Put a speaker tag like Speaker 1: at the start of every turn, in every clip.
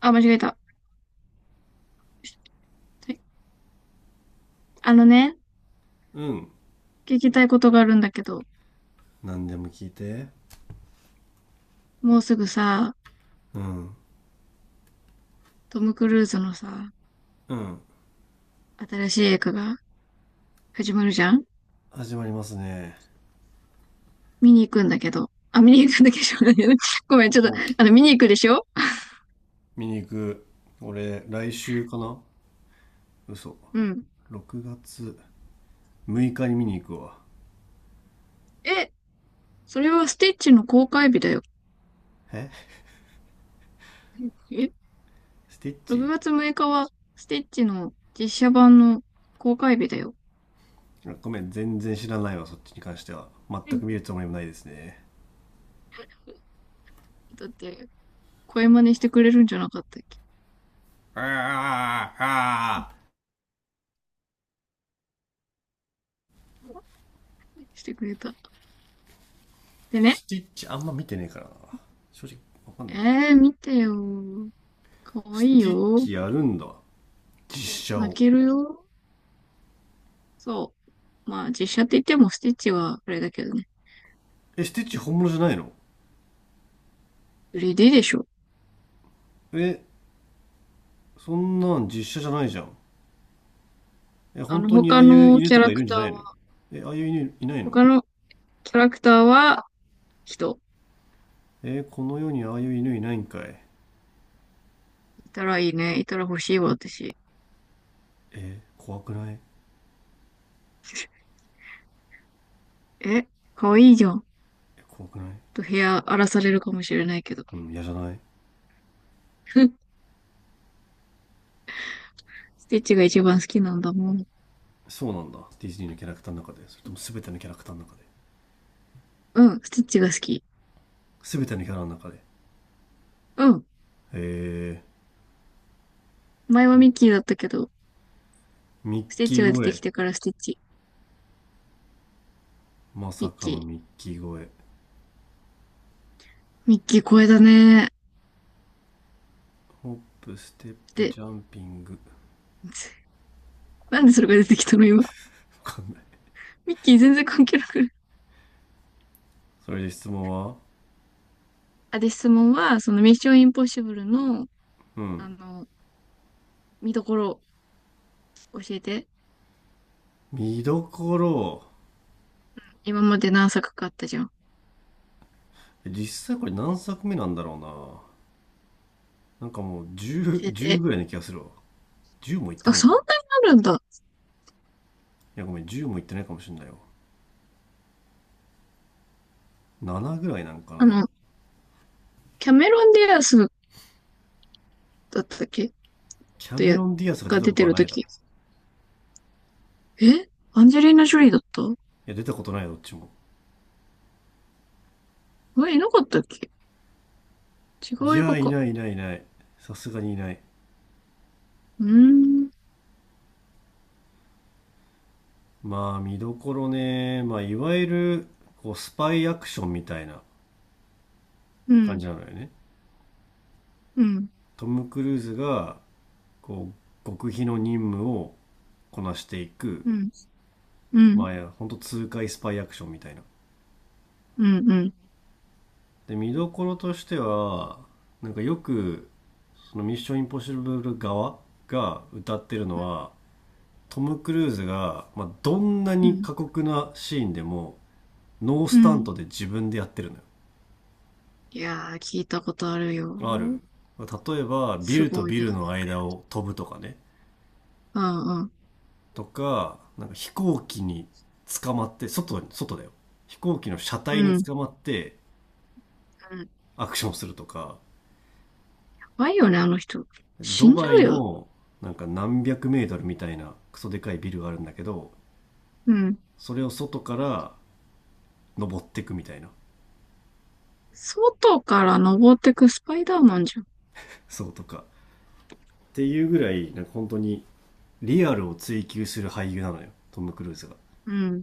Speaker 1: あ、間違えた。はい。あのね、
Speaker 2: うん。
Speaker 1: 聞きたいことがあるんだけど、
Speaker 2: 何でも聞いて。
Speaker 1: もうすぐさ、
Speaker 2: うん。
Speaker 1: トム・クルーズのさ、
Speaker 2: うん。
Speaker 1: 新しい映画が始まるじゃん。
Speaker 2: 始まりますね。
Speaker 1: 見に行くんだけど。あ、見に行くんだけど、しょうがないね。 ごめん、ちょっと、
Speaker 2: もう
Speaker 1: 見に行くでしょ。
Speaker 2: 見に行く。俺来週かな。嘘。
Speaker 1: うん。
Speaker 2: 6月6日に見に行くわ。
Speaker 1: え、それはスティッチの公開日だよ。
Speaker 2: え、
Speaker 1: え、
Speaker 2: スティッ
Speaker 1: 6
Speaker 2: チ。
Speaker 1: 月6日はスティッチの実写版の公開日だよ。
Speaker 2: あ、ごめん、全然知らないわ。そっちに関しては全
Speaker 1: うん。
Speaker 2: く見るつもりもないですね。
Speaker 1: だって、声真似してくれるんじゃなかったっけ。
Speaker 2: あー。あー。
Speaker 1: してくれた。でね、
Speaker 2: スティッチあんま見てねえからな、正直。わかんないんだよ。
Speaker 1: 見てよ。かわい
Speaker 2: ス
Speaker 1: い
Speaker 2: ティッ
Speaker 1: よ。
Speaker 2: チやるんだ、実写
Speaker 1: 泣
Speaker 2: を。
Speaker 1: けるよ。そう。まあ、実写って言ってもスティッチはあれだけどね。
Speaker 2: え、スティッチ本物じゃないの？
Speaker 1: 3D でしょ。
Speaker 2: え、そんなん実写じゃないじゃん。え、本当にあ
Speaker 1: 他
Speaker 2: あいう
Speaker 1: の
Speaker 2: 犬
Speaker 1: キャ
Speaker 2: とか
Speaker 1: ラ
Speaker 2: いる
Speaker 1: ク
Speaker 2: んじ
Speaker 1: ター
Speaker 2: ゃないの？
Speaker 1: は、
Speaker 2: え、ああいう犬いないの？
Speaker 1: 他のキャラクターは人。
Speaker 2: え、この世にああいう犬いないんかい。
Speaker 1: いたらいいね。いたら欲しいわ、私。
Speaker 2: え、怖くない？
Speaker 1: え、かわいいじゃん。ち
Speaker 2: え、怖くない？
Speaker 1: ょっと部屋荒らされるかもしれないけど。
Speaker 2: うん、嫌じゃない？
Speaker 1: スティッチが一番好きなんだもん。
Speaker 2: そうなんだ。ディズニーのキャラクターの中で？それとも全てのキャラクターの中で？
Speaker 1: うん、スティッチが好き。
Speaker 2: 全てのキャラの中で？
Speaker 1: うん。
Speaker 2: えー、
Speaker 1: 前はミッキーだったけど、
Speaker 2: ミッ
Speaker 1: スティッ
Speaker 2: キ
Speaker 1: チ
Speaker 2: ー
Speaker 1: が出てき
Speaker 2: 声。
Speaker 1: てからスティッチ。
Speaker 2: ま
Speaker 1: ミ
Speaker 2: さ
Speaker 1: ッ
Speaker 2: かの
Speaker 1: キ
Speaker 2: ミッ
Speaker 1: ー。
Speaker 2: キー声。
Speaker 1: ミッキー声だね。
Speaker 2: ホップ、ステップ、
Speaker 1: で、
Speaker 2: ジャンピング。わ
Speaker 1: なんでそれが出てきたの今。
Speaker 2: かんない。
Speaker 1: ミッキー全然関係なくない。
Speaker 2: それで質問は？
Speaker 1: あ、で、質問は、そのミッションインポッシブルの、
Speaker 2: うん。
Speaker 1: あの、見どころ教えて。
Speaker 2: 見どころ。
Speaker 1: 今まで何作かあったじゃん。
Speaker 2: 実際これ何作目なんだろうな。なんかもう
Speaker 1: 教
Speaker 2: 10、
Speaker 1: え
Speaker 2: 10
Speaker 1: て。
Speaker 2: ぐらいな気がするわ。10もいって
Speaker 1: あ、
Speaker 2: ない
Speaker 1: そ
Speaker 2: か。
Speaker 1: んな
Speaker 2: い
Speaker 1: になるんだ。
Speaker 2: や、ごめん、10もいってないかもしれないよ。7ぐらいなんか
Speaker 1: あ
Speaker 2: な、今。
Speaker 1: の、キャメロン・ディアスだったっけ。
Speaker 2: キャ
Speaker 1: と
Speaker 2: メ
Speaker 1: や、
Speaker 2: ロン・ディアスが出
Speaker 1: が
Speaker 2: た
Speaker 1: 出
Speaker 2: こと
Speaker 1: て
Speaker 2: は
Speaker 1: る
Speaker 2: な
Speaker 1: と
Speaker 2: いだろ。
Speaker 1: き。
Speaker 2: い
Speaker 1: えアンジェリーナ・ジョリーだった。
Speaker 2: や、出たことないよ、どっちも。
Speaker 1: え、いなかったっけ。違
Speaker 2: い
Speaker 1: う映
Speaker 2: や、
Speaker 1: 画
Speaker 2: い
Speaker 1: か。
Speaker 2: ないいないいない。さすがにいない。
Speaker 1: うーん、
Speaker 2: まあ、見どころね。まあ、いわゆる、こう、スパイアクションみたいな
Speaker 1: う
Speaker 2: 感
Speaker 1: ん、
Speaker 2: じなのよね。
Speaker 1: うん、
Speaker 2: トム・クルーズが、こう、極秘の任務をこなしていく。
Speaker 1: うん、う
Speaker 2: ま
Speaker 1: ん、
Speaker 2: あ、いや、ほんと痛快スパイアクションみたいな。
Speaker 1: うん、うん、
Speaker 2: で、見どころとしては、なんかよく、そのミッションインポッシブル側が歌ってるのは、トム・クルーズが、まあ、どんな
Speaker 1: う
Speaker 2: に
Speaker 1: ん。
Speaker 2: 過酷なシーンでもノー
Speaker 1: う
Speaker 2: スタン
Speaker 1: ん。
Speaker 2: トで自分でやってるの
Speaker 1: いやー、聞いたことあるよ。
Speaker 2: よ。ある、例えばビ
Speaker 1: す
Speaker 2: ルと
Speaker 1: ごい
Speaker 2: ビ
Speaker 1: よね。
Speaker 2: ルの間を飛ぶとかね。
Speaker 1: うん、うん、
Speaker 2: とかなんか飛行機に捕まって外に、外だよ、飛行機の車
Speaker 1: う
Speaker 2: 体
Speaker 1: ん。
Speaker 2: に
Speaker 1: うん。
Speaker 2: 捕まってアクションするとか。
Speaker 1: 怖いよね、あの人。死
Speaker 2: ド
Speaker 1: んじゃ
Speaker 2: バ
Speaker 1: う
Speaker 2: イ
Speaker 1: よ。
Speaker 2: のなんか何百メートルみたいなクソでかいビルがあるんだけど、
Speaker 1: うん。
Speaker 2: それを外から登っていくみたいな。
Speaker 1: 外から登ってくスパイダーマンじゃん。
Speaker 2: そうとかっていうぐらい、なんか本当にリアルを追求する俳優なのよ、トム・クルーズが。
Speaker 1: うん。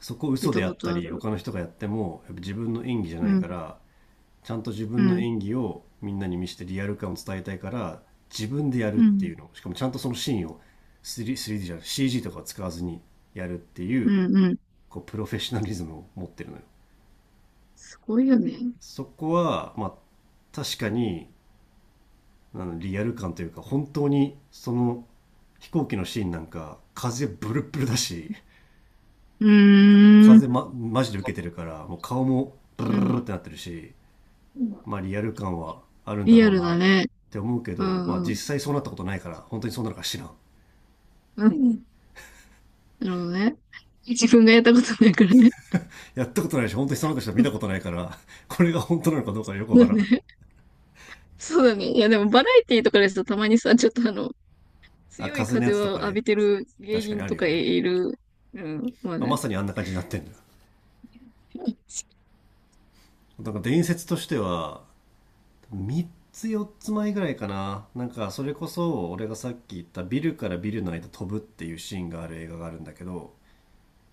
Speaker 2: そこを
Speaker 1: 聞い
Speaker 2: 嘘で
Speaker 1: た
Speaker 2: や
Speaker 1: こ
Speaker 2: っ
Speaker 1: と
Speaker 2: た
Speaker 1: あ
Speaker 2: り
Speaker 1: る。
Speaker 2: 他の人がやってもやっぱ自分の演技じゃ
Speaker 1: う
Speaker 2: ない
Speaker 1: ん、
Speaker 2: から、ちゃんと自
Speaker 1: う
Speaker 2: 分の
Speaker 1: ん、
Speaker 2: 演技をみんなに見せてリアル感を伝えたいから自分でやるっ
Speaker 1: う
Speaker 2: てい
Speaker 1: ん、
Speaker 2: う。のしかもちゃんとそのシーンを 3D, じゃない CG とか使わずにやるってい
Speaker 1: う
Speaker 2: う、
Speaker 1: ん、うん。
Speaker 2: こうプロフェッショナリズムを持ってるのよ。
Speaker 1: すごいよね。
Speaker 2: そこはまあ確かに、あの、リアル感というか本当にその飛行機のシーンなんか風ブルッブルだし、
Speaker 1: うーん、
Speaker 2: 風、ま、マジで受けてるからもう顔もブル
Speaker 1: う
Speaker 2: ルル
Speaker 1: ん。
Speaker 2: ルってなってるし、まあリアル感はあるんだ
Speaker 1: リ
Speaker 2: ろ
Speaker 1: ア
Speaker 2: う
Speaker 1: ル
Speaker 2: な
Speaker 1: だ
Speaker 2: っ
Speaker 1: ね。
Speaker 2: て思うけ
Speaker 1: う
Speaker 2: ど、まあ
Speaker 1: ん、うん、
Speaker 2: 実際そうなったことないから本当にそうなのか知らん。
Speaker 1: うん。なるほどね。自分がやったことないからね。
Speaker 2: やったことないし本当にそうなった人は見たことないから、これが本当なのかどうかよくわ
Speaker 1: そう
Speaker 2: か
Speaker 1: だ
Speaker 2: らん。
Speaker 1: ね。そうだね。いや、でもバラエティとかですとたまにさ、ちょっと
Speaker 2: あ、
Speaker 1: 強い
Speaker 2: 風のや
Speaker 1: 風を
Speaker 2: つとか
Speaker 1: 浴
Speaker 2: ね。
Speaker 1: びてる芸
Speaker 2: 確かに
Speaker 1: 人
Speaker 2: ある
Speaker 1: と
Speaker 2: よ
Speaker 1: か
Speaker 2: ね、
Speaker 1: いる。うん、まあ
Speaker 2: まあま
Speaker 1: ね。
Speaker 2: さにあんな感じになってんだよ。なんか伝説としては3つ4つ前ぐらいかな、なんかそれこそ俺がさっき言ったビルからビルの間飛ぶっていうシーンがある映画があるんだけど、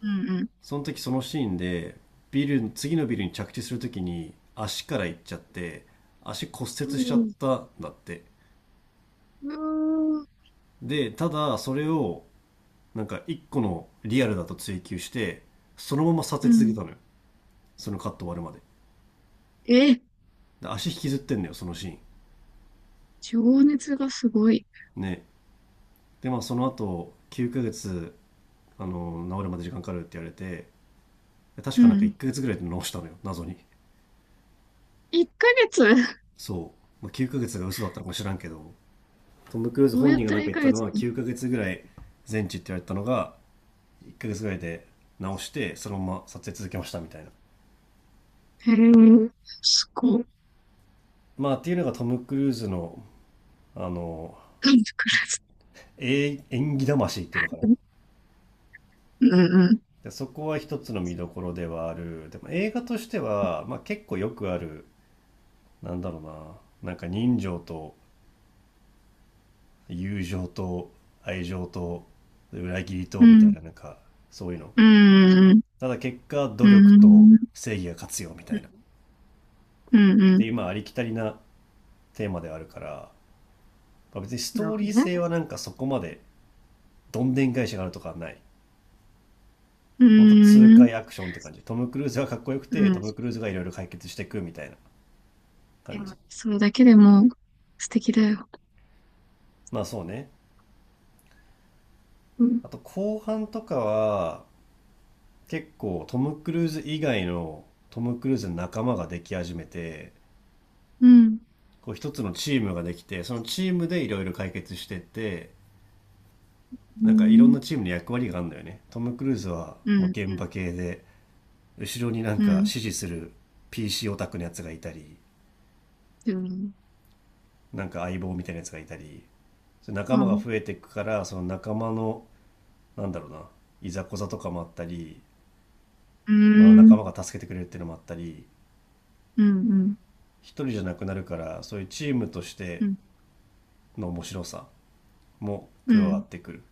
Speaker 1: うん、うん。
Speaker 2: その時そのシーンで、次のビルに着地する時に足から行っちゃって足骨折しちゃったんだって。
Speaker 1: うーん。
Speaker 2: でただそれをなんか一個のリアルだと追求してそのまま撮
Speaker 1: う
Speaker 2: 影続け
Speaker 1: ん。
Speaker 2: たのよ、そのカット終わるまで。
Speaker 1: え、
Speaker 2: で足引きずってんのよ、そのシーン。
Speaker 1: 情熱がすごい。
Speaker 2: ね。でまあその後9ヶ月、あの、治るまで時間かかるって言われて、確
Speaker 1: う
Speaker 2: かなんか1
Speaker 1: ん。
Speaker 2: ヶ月ぐらいで直したのよ、謎に。
Speaker 1: 1ヶ月。
Speaker 2: そう。まあ、9ヶ月が嘘だったのか知らんけど、トム・クルーズ
Speaker 1: どう
Speaker 2: 本
Speaker 1: やっ
Speaker 2: 人が
Speaker 1: た
Speaker 2: なん
Speaker 1: ら
Speaker 2: か
Speaker 1: 1
Speaker 2: 言った
Speaker 1: ヶ
Speaker 2: の
Speaker 1: 月
Speaker 2: は9ヶ月ぐらい全治って言われたのが、1ヶ月ぐらいで直して、そのまま撮影続けましたみたいな。
Speaker 1: へえ、すごい。
Speaker 2: まあっていうのがトム・クルーズの、あの、
Speaker 1: なんで暮らす。
Speaker 2: 演技魂っていうのかな。
Speaker 1: うん。うん。
Speaker 2: でそこは一つの見どころではある。でも映画としては、まあ結構よくある、なんだろうな、なんか人情と友情と愛情と裏切りと
Speaker 1: う
Speaker 2: みたい
Speaker 1: ん。
Speaker 2: な、なんかそういうの。
Speaker 1: うん。うん。
Speaker 2: ただ結果努
Speaker 1: う
Speaker 2: 力と
Speaker 1: ん。
Speaker 2: 正義が勝つよみたいな。
Speaker 1: うん。う
Speaker 2: で
Speaker 1: ん。
Speaker 2: 今ありきたりなテーマであるから、まあ別にスト
Speaker 1: なる
Speaker 2: ー
Speaker 1: ほ
Speaker 2: リ
Speaker 1: ど
Speaker 2: ー
Speaker 1: ね。
Speaker 2: 性はなんかそこまでどんでん返しがあるとかはない。
Speaker 1: う
Speaker 2: ほんと痛
Speaker 1: ーん。
Speaker 2: 快アクションって感じ、トム・クルーズがかっこよく
Speaker 1: う
Speaker 2: てト
Speaker 1: ん。
Speaker 2: ム・クルーズがいろいろ解決していくみたいな
Speaker 1: い
Speaker 2: 感じ。
Speaker 1: や、それだけでも素敵だよ。
Speaker 2: まあそうね。
Speaker 1: うん。
Speaker 2: あと後半とかは結構トム・クルーズ以外の、トム・クルーズの仲間ができ始めて、
Speaker 1: うん。
Speaker 2: こう一つのチームができてそのチームでいろいろ解決してって、
Speaker 1: う
Speaker 2: なんかいろんな
Speaker 1: ん。
Speaker 2: チームに役割があるんだよね。トム・クルーズはも
Speaker 1: う
Speaker 2: う現場
Speaker 1: ん。
Speaker 2: 系で、後ろになん
Speaker 1: う
Speaker 2: か
Speaker 1: ん。
Speaker 2: 支持する PC オタクのやつがいたり、
Speaker 1: でも、
Speaker 2: なんか相棒みたいなやつがいたり、それ仲
Speaker 1: う
Speaker 2: 間が
Speaker 1: ん。
Speaker 2: 増えていくからその仲間の、なんだろうな、いざこざとかもあったり、
Speaker 1: うー
Speaker 2: まあ、仲
Speaker 1: ん。
Speaker 2: 間が助けてくれるっていうのもあったり、
Speaker 1: うん。うん。
Speaker 2: 一人じゃなくなるから、そういうチームとして
Speaker 1: うん。
Speaker 2: の面白さも
Speaker 1: う
Speaker 2: 加わっ
Speaker 1: ん。
Speaker 2: てくる。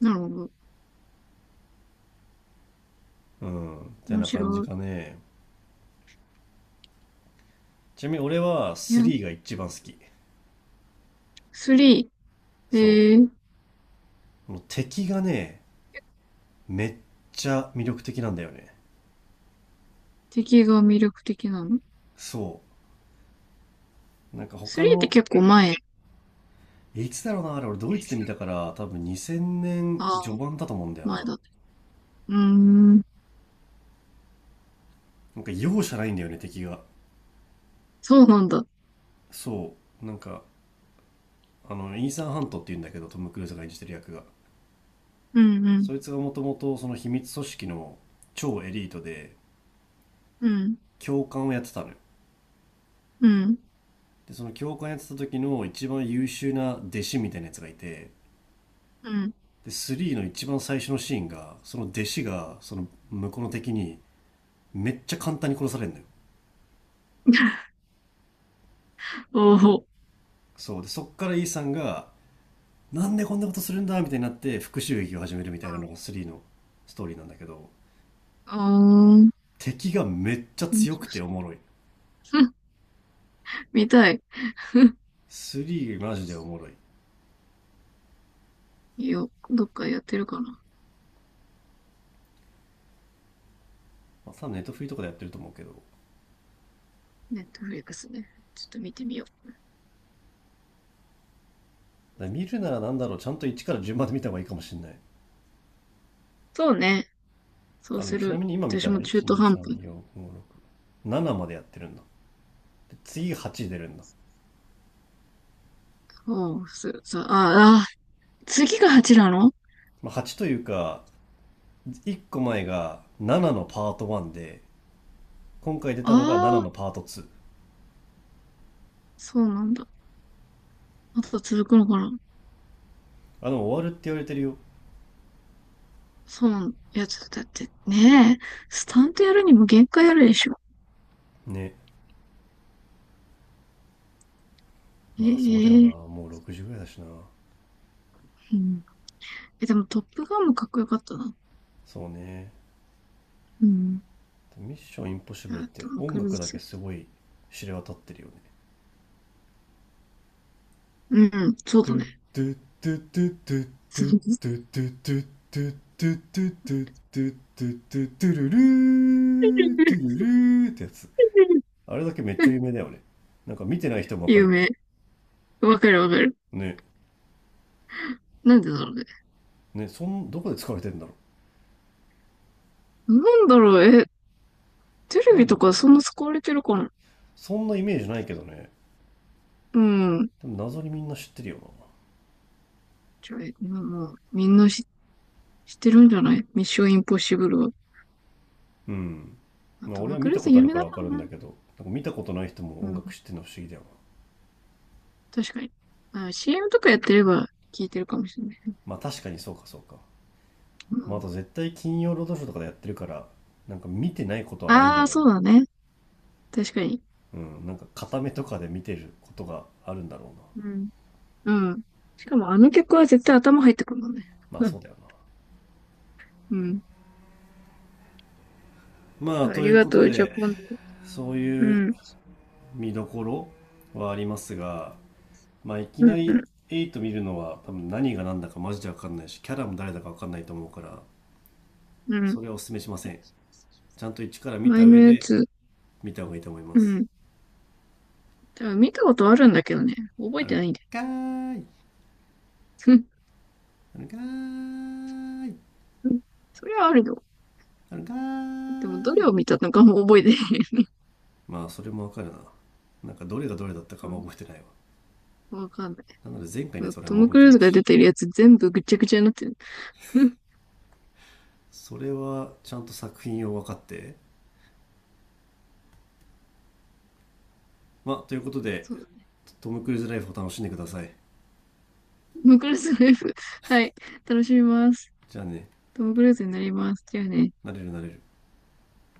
Speaker 1: なるほど。
Speaker 2: うんって
Speaker 1: 面
Speaker 2: な
Speaker 1: 白
Speaker 2: 感じ
Speaker 1: い。
Speaker 2: かね。ちなみに俺は
Speaker 1: いや、
Speaker 2: 3が一番好き。
Speaker 1: 3、
Speaker 2: そ
Speaker 1: えー、
Speaker 2: う。この敵がね、めっちゃ魅力的なんだよね。
Speaker 1: 敵が魅力的なの？
Speaker 2: そう。なんか他
Speaker 1: 3 って
Speaker 2: の、
Speaker 1: 結構前。
Speaker 2: いつだろうな、あれ俺ドイツで見たから多分2000年
Speaker 1: あ
Speaker 2: 序
Speaker 1: あ、
Speaker 2: 盤だと思うんだよな。
Speaker 1: 前だね。うーん、
Speaker 2: なんか容赦ないんだよね、敵が。
Speaker 1: そうなんだ。
Speaker 2: そう。なんか、あの、イーサン・ハントって言うんだけど、トム・クルーズが演じてる役が。
Speaker 1: うん、うん、
Speaker 2: そいつがもともとその秘密組織の超エリートで、
Speaker 1: うん、
Speaker 2: 教官をやってたのよ。
Speaker 1: うん、
Speaker 2: で、その教官やってた時の一番優秀な弟子みたいなやつがいて、
Speaker 1: うん。
Speaker 2: で3の一番最初のシーンがその弟子がその向こうの敵にめっちゃ簡単に殺されるのよ。
Speaker 1: おお、
Speaker 2: そうで、そっからイーさんがなんでこんなことするんだみたいになって復讐劇を始めるみたいなのが3のストーリーなんだけど、
Speaker 1: あん。
Speaker 2: 敵がめっちゃ
Speaker 1: 面
Speaker 2: 強
Speaker 1: 白
Speaker 2: くて
Speaker 1: そ
Speaker 2: おもろい。
Speaker 1: う。 見たい。
Speaker 2: 3マジでおもろい。
Speaker 1: いいよ、どっかやってるかな。
Speaker 2: まあ、多分ネットフリーとかでやってると思うけど、だか
Speaker 1: ネットフリックスね。ちょっと見てみよう。
Speaker 2: ら見るなら、なんだろう、ちゃんと1から順番で見た方がいいかもしれない。
Speaker 1: そうね。そう
Speaker 2: あの、
Speaker 1: す
Speaker 2: ちな
Speaker 1: る。
Speaker 2: みに今見た
Speaker 1: 私も
Speaker 2: ら
Speaker 1: 中途半端。
Speaker 2: 1、2、3、4、5、6、7までやってるんだ。で次8出るんだ、
Speaker 1: おう、ああ、次が8なの。
Speaker 2: まあ、8というか1個前が7のパート1で、今回出たのが7
Speaker 1: ああ
Speaker 2: の
Speaker 1: ー、
Speaker 2: パート2。
Speaker 1: そうなんだ。あと続くのかな。
Speaker 2: あ、でも終わるって言われてるよ。
Speaker 1: そうなの。いや、ちょっとだってねえ、スタントやるにも限界あるでしょ。
Speaker 2: ね。まあそうだよな。
Speaker 1: ええ。
Speaker 2: もう6時ぐらいだしな。
Speaker 1: うん。え、でもトップガンもかっこよかったな。
Speaker 2: そうね。
Speaker 1: うん。
Speaker 2: ミッションインポッシブルっ
Speaker 1: あ、
Speaker 2: て
Speaker 1: トム・
Speaker 2: 音
Speaker 1: クルー
Speaker 2: 楽だけ
Speaker 1: ズ。
Speaker 2: すごい知れ渡ってるよね。
Speaker 1: うん、そう
Speaker 2: ド
Speaker 1: だ
Speaker 2: ゥ
Speaker 1: ね。
Speaker 2: ドゥドゥドゥドゥド
Speaker 1: そう。
Speaker 2: ゥドゥドゥドゥドゥドゥドゥドゥドゥドゥトゥトゥルルードゥルルーってやつ。あれだけめっちゃ有名だよね。なんか見てない人もわかる
Speaker 1: 有
Speaker 2: よね。
Speaker 1: 名。わかるわかる。
Speaker 2: ね。
Speaker 1: なんでだろうね。
Speaker 2: ね、どこで使われてんだろ
Speaker 1: なんだろう、え、テ
Speaker 2: う。
Speaker 1: レ
Speaker 2: な
Speaker 1: ビ
Speaker 2: んで
Speaker 1: とかそんな使われてるかな。
Speaker 2: そんなイメージないけどね。
Speaker 1: うん。
Speaker 2: でも謎にみんな知ってるよ
Speaker 1: じゃあ、えまあもう、みんな知ってるんじゃない。ミッション・インポッシブルは。
Speaker 2: な。うん。
Speaker 1: まあ、
Speaker 2: まあ
Speaker 1: ト
Speaker 2: 俺
Speaker 1: ム・
Speaker 2: は
Speaker 1: ク
Speaker 2: 見
Speaker 1: ル
Speaker 2: た
Speaker 1: ー
Speaker 2: こ
Speaker 1: ズ
Speaker 2: とあ
Speaker 1: 有
Speaker 2: る
Speaker 1: 名
Speaker 2: から
Speaker 1: だ
Speaker 2: わ
Speaker 1: か
Speaker 2: か
Speaker 1: ら
Speaker 2: るんだ
Speaker 1: な。
Speaker 2: けど、なんか見たことない人も
Speaker 1: う
Speaker 2: 音
Speaker 1: ん。
Speaker 2: 楽知ってるの不思議だよな。
Speaker 1: 確かに。あ、CM とかやってれば聞いてるかもしれない。
Speaker 2: まあ確かにそうかそうか。
Speaker 1: う
Speaker 2: まああ
Speaker 1: ん。
Speaker 2: と絶対金曜ロードショーとかでやってるから、なんか見てないことはないんだ
Speaker 1: ああ、
Speaker 2: ろ
Speaker 1: そうだね。確かに。
Speaker 2: うな。うん。なんか片目とかで見てることがあるんだろうな。
Speaker 1: うん。うん。しかもあの曲は絶対頭入ってくるもんね。
Speaker 2: まあ
Speaker 1: うん。
Speaker 2: そうだよな。まあ
Speaker 1: うん。あ
Speaker 2: と
Speaker 1: り
Speaker 2: いう
Speaker 1: が
Speaker 2: こ
Speaker 1: と
Speaker 2: と
Speaker 1: う。じゃあ
Speaker 2: で、
Speaker 1: 今度。
Speaker 2: そう
Speaker 1: う
Speaker 2: いう
Speaker 1: ん。
Speaker 2: 見どころはありますが、まあいき
Speaker 1: う
Speaker 2: な
Speaker 1: ん。
Speaker 2: り8見るのは多分何が何だかマジで分かんないしキャラも誰だか分かんないと思うから、
Speaker 1: う
Speaker 2: そ
Speaker 1: ん。
Speaker 2: れはお勧めしません。ちゃんと一から見た
Speaker 1: 前の
Speaker 2: 上
Speaker 1: や
Speaker 2: で
Speaker 1: つ。
Speaker 2: 見た方がいいと思いま
Speaker 1: う
Speaker 2: す。
Speaker 1: ん。多分見たことあるんだけどね。覚え
Speaker 2: ある
Speaker 1: て
Speaker 2: ん
Speaker 1: ないんだよ。
Speaker 2: かーい。あるんかーい。
Speaker 1: うん。それはあるよ。
Speaker 2: あるんか
Speaker 1: でもど
Speaker 2: ー
Speaker 1: れ
Speaker 2: い。
Speaker 1: を見たのかも覚えてない。
Speaker 2: まあ、それもわかるな。なんかどれがどれだったか
Speaker 1: う
Speaker 2: あんま
Speaker 1: ん。
Speaker 2: 覚えてないわ。
Speaker 1: わかん
Speaker 2: なので前回
Speaker 1: な
Speaker 2: ね、
Speaker 1: い。
Speaker 2: それあ
Speaker 1: ト
Speaker 2: んま
Speaker 1: ム・
Speaker 2: 覚
Speaker 1: ク
Speaker 2: えて
Speaker 1: ルー
Speaker 2: な
Speaker 1: ズ
Speaker 2: い
Speaker 1: が出
Speaker 2: し。
Speaker 1: てるやつ全部ぐっちゃぐちゃになってる。うん。
Speaker 2: それはちゃんと作品を分かって。まあ、ということで、
Speaker 1: そう。
Speaker 2: トム・クルーズライフを楽しんでください。
Speaker 1: トム・クルーズの F。はい。楽しみます。
Speaker 2: じゃあね、
Speaker 1: トム・クルーズになります。じゃあね。
Speaker 2: なれるなれる。